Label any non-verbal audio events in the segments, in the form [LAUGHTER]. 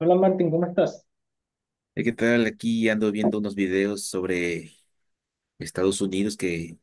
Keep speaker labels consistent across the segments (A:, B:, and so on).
A: Hola Martín, ¿cómo estás?
B: ¿Qué tal? Aquí ando viendo unos videos sobre Estados Unidos que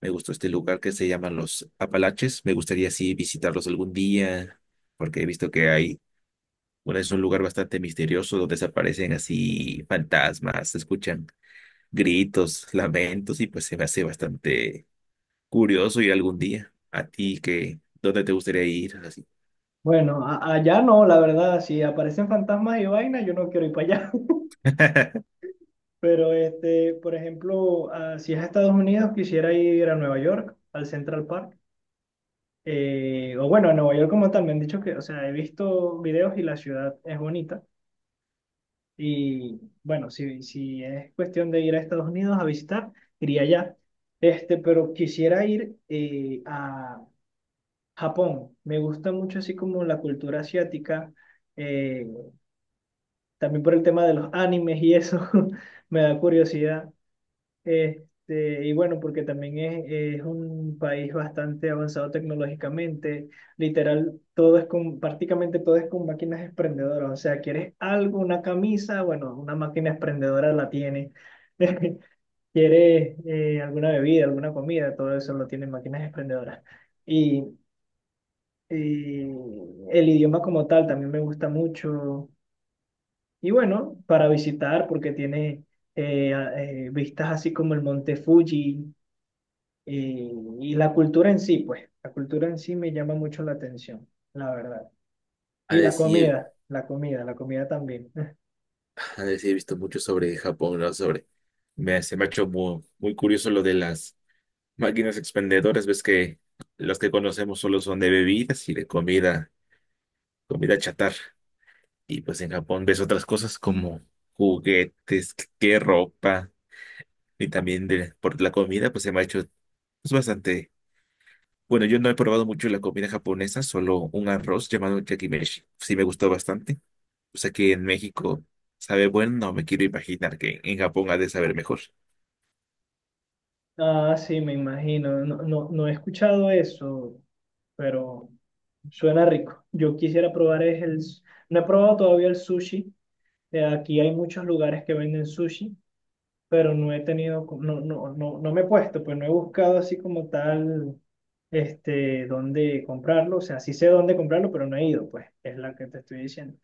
B: me gustó este lugar que se llama los Apalaches. Me gustaría sí visitarlos algún día porque he visto que hay, bueno, es un lugar bastante misterioso donde desaparecen así fantasmas, se escuchan gritos, lamentos y pues se me hace bastante curioso ir algún día. ¿A ti qué? ¿Dónde te gustaría ir? Así.
A: Bueno, allá no, la verdad, si aparecen fantasmas y vainas, yo no quiero ir para allá.
B: [LAUGHS]
A: [LAUGHS] Pero, este, por ejemplo, ah, si es a Estados Unidos, quisiera ir a Nueva York, al Central Park. O bueno, a Nueva York como tal, me han dicho que, o sea, he visto videos y la ciudad es bonita. Y bueno, si es cuestión de ir a Estados Unidos a visitar, iría allá. Este, pero quisiera ir a Japón. Me gusta mucho así como la cultura asiática. eh, También por el tema de los animes y eso [LAUGHS] me da curiosidad. Este, y bueno, porque también es un país bastante avanzado tecnológicamente. Literal, prácticamente todo es con máquinas expendedoras. O sea, quieres algo, una camisa, bueno, una máquina expendedora la tiene. [LAUGHS] Quieres alguna bebida, alguna comida, todo eso lo tienen máquinas expendedoras. Y, y el idioma como tal también me gusta mucho. Y bueno, para visitar, porque tiene vistas así como el Monte Fuji eh, y la cultura en sí, pues, la cultura en sí me llama mucho la atención, la verdad.
B: A
A: Y la
B: decir,
A: comida, la comida, la comida también. [LAUGHS]
B: a decir, he visto mucho sobre Japón, ¿no? Se me ha hecho muy curioso lo de las máquinas expendedoras. Ves que las que conocemos solo son de bebidas y de comida, comida chatarra. Y pues en Japón ves otras cosas como juguetes, que ropa, y también de, por la comida, pues se me ha hecho pues, bastante. Bueno, yo no he probado mucho la comida japonesa, solo un arroz llamado yakimeshi. Sí me gustó bastante. O sea que en México sabe bueno, no me quiero imaginar que en Japón ha de saber mejor.
A: Ah, sí, me imagino. No, no, no he escuchado eso, pero suena rico. Yo quisiera probar no he probado todavía el sushi. Aquí hay muchos lugares que venden sushi, pero no he tenido, no, no, no, no me he puesto, pues no he buscado así como tal, este, dónde comprarlo. O sea, sí sé dónde comprarlo, pero no he ido, pues, es la que te estoy diciendo.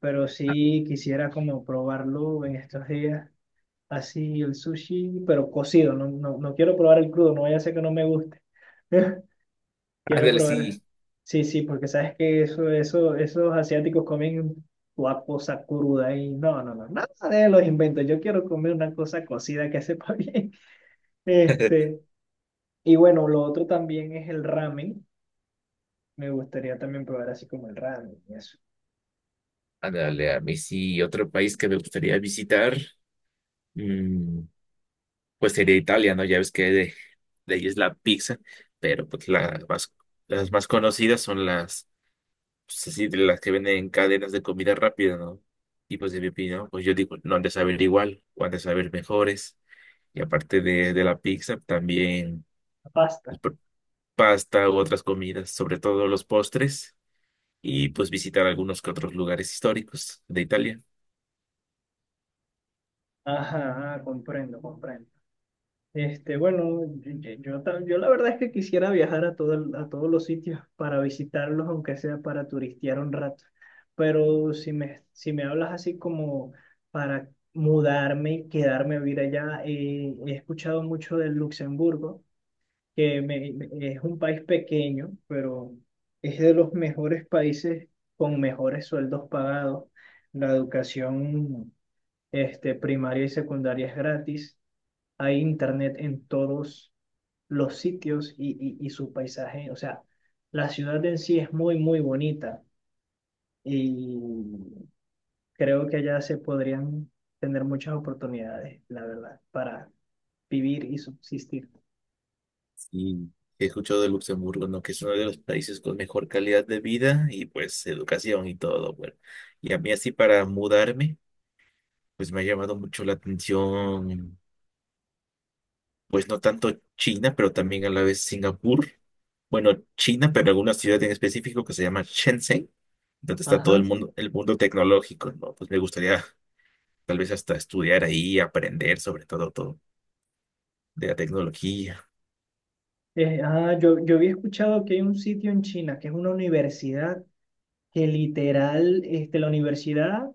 A: Pero sí quisiera como probarlo en estos días, así el sushi, pero cocido, no, no, no quiero probar el crudo, no vaya a ser que no me guste. [LAUGHS] Quiero
B: Ándale,
A: probar,
B: sí.
A: sí, sí, porque sabes que esos asiáticos comen una cosa cruda y no, no, no, nada de los inventos, yo quiero comer una cosa cocida que sepa [LAUGHS] bien.
B: [LAUGHS]
A: Este, y bueno, lo otro también es el ramen. Me gustaría también probar así como el ramen y eso.
B: Ándale, a mí sí, otro país que me gustaría visitar. Pues sería Italia, ¿no? Ya ves que de ahí es la pizza, pero pues la más, las más conocidas son las, pues así, de las que venden en cadenas de comida rápida, ¿no? Y pues de mi opinión, pues yo digo, no han de saber igual, o han de saber mejores. Y aparte de la pizza, también
A: La pasta.
B: pues, pasta u otras comidas, sobre todo los postres, y pues visitar algunos que otros lugares históricos de Italia.
A: Ajá, ah, comprendo, comprendo. Este, bueno, yo la verdad es que quisiera viajar a todos los sitios para visitarlos, aunque sea para turistear un rato. Pero si me hablas así como para mudarme, quedarme a vivir allá, he escuchado mucho del Luxemburgo, que es un país pequeño, pero es de los mejores países con mejores sueldos pagados. La educación, este, primaria y secundaria es gratis. Hay internet en todos los sitios y, y su paisaje. O sea, la ciudad en sí es muy, muy bonita y creo que allá se podrían tener muchas oportunidades, la verdad, para vivir y subsistir.
B: Y he escuchado de Luxemburgo, ¿no? Que es uno de los países con mejor calidad de vida y pues educación y todo, bueno. Y a mí así para mudarme, pues me ha llamado mucho la atención, pues no tanto China, pero también a la vez Singapur. Bueno, China, pero alguna ciudad en específico que se llama Shenzhen, donde está todo
A: Ajá.
B: el mundo tecnológico, ¿no? Pues me gustaría tal vez hasta estudiar ahí, aprender sobre todo de la tecnología.
A: Ah, yo había escuchado que hay un sitio en China que es una universidad que literal, este, la universidad,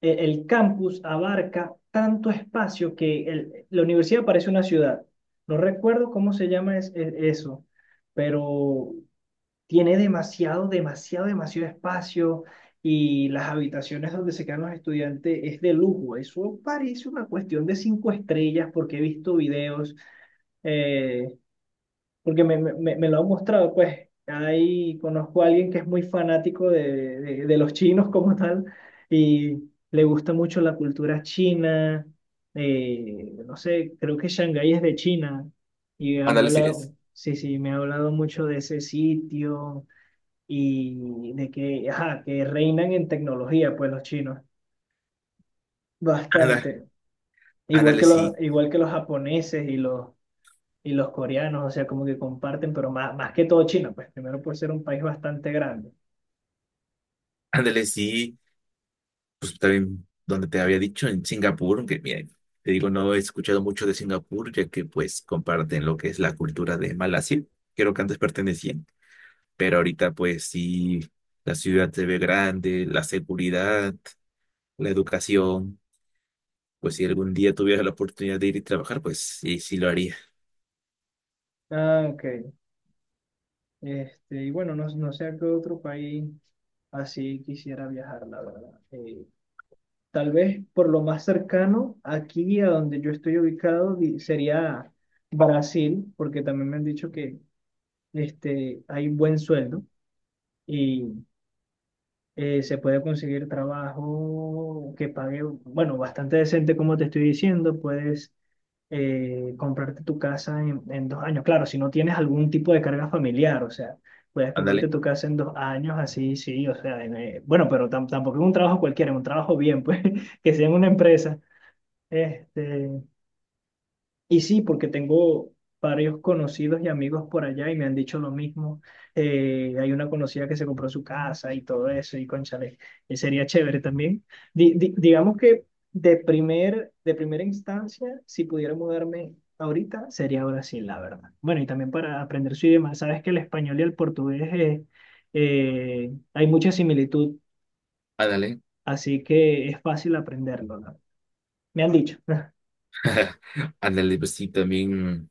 A: el campus abarca tanto espacio que la universidad parece una ciudad. No recuerdo cómo se llama eso, pero tiene demasiado, demasiado, demasiado espacio, y las habitaciones donde se quedan los estudiantes es de lujo. Eso parece una cuestión de cinco estrellas, porque he visto videos. eh, Porque me lo han mostrado, pues ahí conozco a alguien que es muy fanático de los chinos como tal, y le gusta mucho la cultura china. No sé, creo que Shanghái es de China, y me ha
B: Ándale, sí es.
A: hablado, sí, sí, me ha hablado mucho de ese sitio, y de que, ajá, que reinan en tecnología, pues los chinos,
B: Ándale,
A: bastante. Igual que
B: ándale,
A: los,
B: sí.
A: igual que los japoneses y los coreanos. O sea, como que comparten, pero más, más que todo China, pues primero por ser un país bastante grande.
B: Ándale, sí. Pues también donde te había dicho, en Singapur, que miren, te digo, no he escuchado mucho de Singapur, ya que pues comparten lo que es la cultura de Malasia, creo que antes pertenecían, pero ahorita pues sí, la ciudad se ve grande, la seguridad, la educación, pues si algún día tuviera la oportunidad de ir y trabajar, pues sí, sí lo haría.
A: Ah, ok. Este, y bueno, no, no sé a qué otro país así quisiera viajar, la verdad. Tal vez por lo más cercano, aquí a donde yo estoy ubicado, sería Brasil, porque también me han dicho que este, hay buen sueldo y se puede conseguir trabajo que pague, bueno, bastante decente. Como te estoy diciendo, puedes comprarte tu casa en 2 años. Claro, si no tienes algún tipo de carga familiar, o sea, puedes comprarte
B: Ándale,
A: tu casa en 2 años, así, sí. O sea, bueno, pero tampoco es un trabajo cualquiera, es un trabajo bien, pues, [LAUGHS] que sea en una empresa. Este, y sí, porque tengo varios conocidos y amigos por allá, y me han dicho lo mismo. Hay una conocida que se compró su casa y todo eso, y cónchale, sería chévere también. Digamos que de primera instancia, si pudiera mudarme ahorita, sería Brasil, la verdad. Bueno, y también para aprender su idioma. Sabes que el español y el portugués hay mucha similitud,
B: ándale,
A: así que es fácil aprenderlo, ¿no? Me han dicho. [LAUGHS]
B: [LAUGHS] ándale, pues sí, también,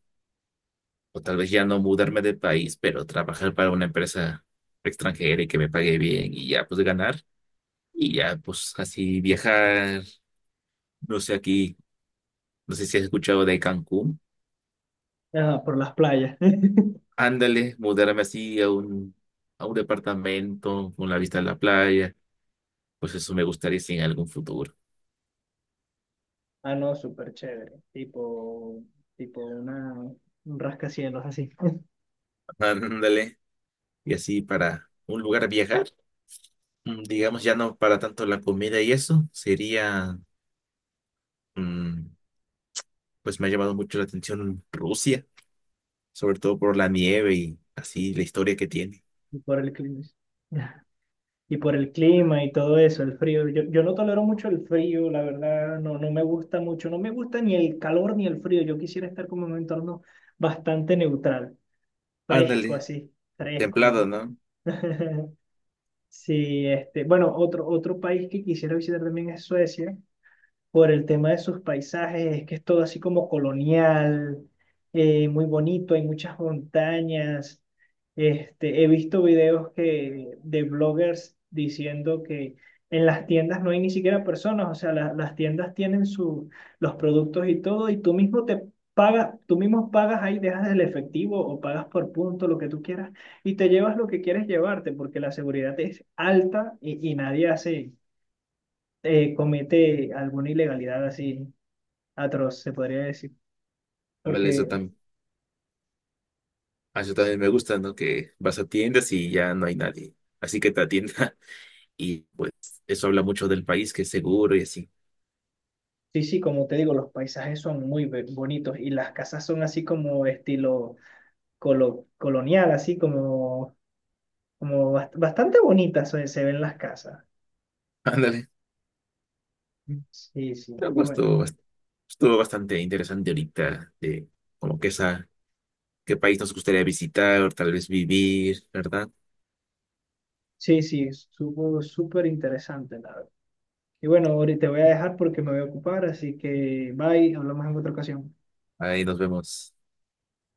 B: o tal vez ya no mudarme de país, pero trabajar para una empresa extranjera y que me pague bien y ya pues ganar. Y ya, pues así viajar, no sé aquí, no sé si has escuchado de Cancún.
A: Ah, por las playas.
B: Ándale, mudarme así a un departamento con la vista a la playa. Pues eso me gustaría sí, en algún futuro.
A: Ah, no, súper chévere. Tipo un rascacielos así. [LAUGHS]
B: Ándale, y así para un lugar a viajar, mm, digamos ya no para tanto la comida y eso, sería, mm, pues me ha llamado mucho la atención Rusia, sobre todo por la nieve y así la historia que tiene.
A: Y por el clima. Y por el clima y todo eso, el frío. Yo no tolero mucho el frío, la verdad, no, no me gusta mucho. No me gusta ni el calor ni el frío. Yo quisiera estar como en un entorno bastante neutral, fresco
B: Ándale,
A: así, fresco,
B: templado,
A: ¿no?
B: ¿no?
A: [LAUGHS] Sí, este, bueno, otro país que quisiera visitar también es Suecia. Por el tema de sus paisajes, es que es todo así como colonial, muy bonito, hay muchas montañas. Este, he visto videos, que, de bloggers diciendo que en las tiendas no hay ni siquiera personas. O sea, las tiendas tienen su, los productos y todo, y tú mismo te pagas, tú mismo pagas ahí, dejas el efectivo o pagas por punto, lo que tú quieras, y te llevas lo que quieres llevarte, porque la seguridad es alta, y nadie hace comete alguna ilegalidad así atroz, se podría decir.
B: Ándale, eso.
A: Porque
B: Ah, eso también me gusta, ¿no? Que vas a tiendas y ya no hay nadie. Así que te atienda [LAUGHS] y pues eso habla mucho del país, que es seguro y así.
A: sí, sí, como te digo, los paisajes son muy bonitos, y las casas son así como estilo colonial, así como bastante bonitas, se ven las casas.
B: [LAUGHS] Ándale.
A: Sí, sí,
B: No,
A: y
B: pues,
A: bueno,
B: Estuvo bastante interesante ahorita de como que esa, qué país nos gustaría visitar o tal vez vivir, ¿verdad?
A: sí, sí, supo súper interesante, la verdad. Y bueno, ahorita te voy a dejar, porque me voy a ocupar, así que bye, hablamos en otra ocasión.
B: Ahí nos vemos.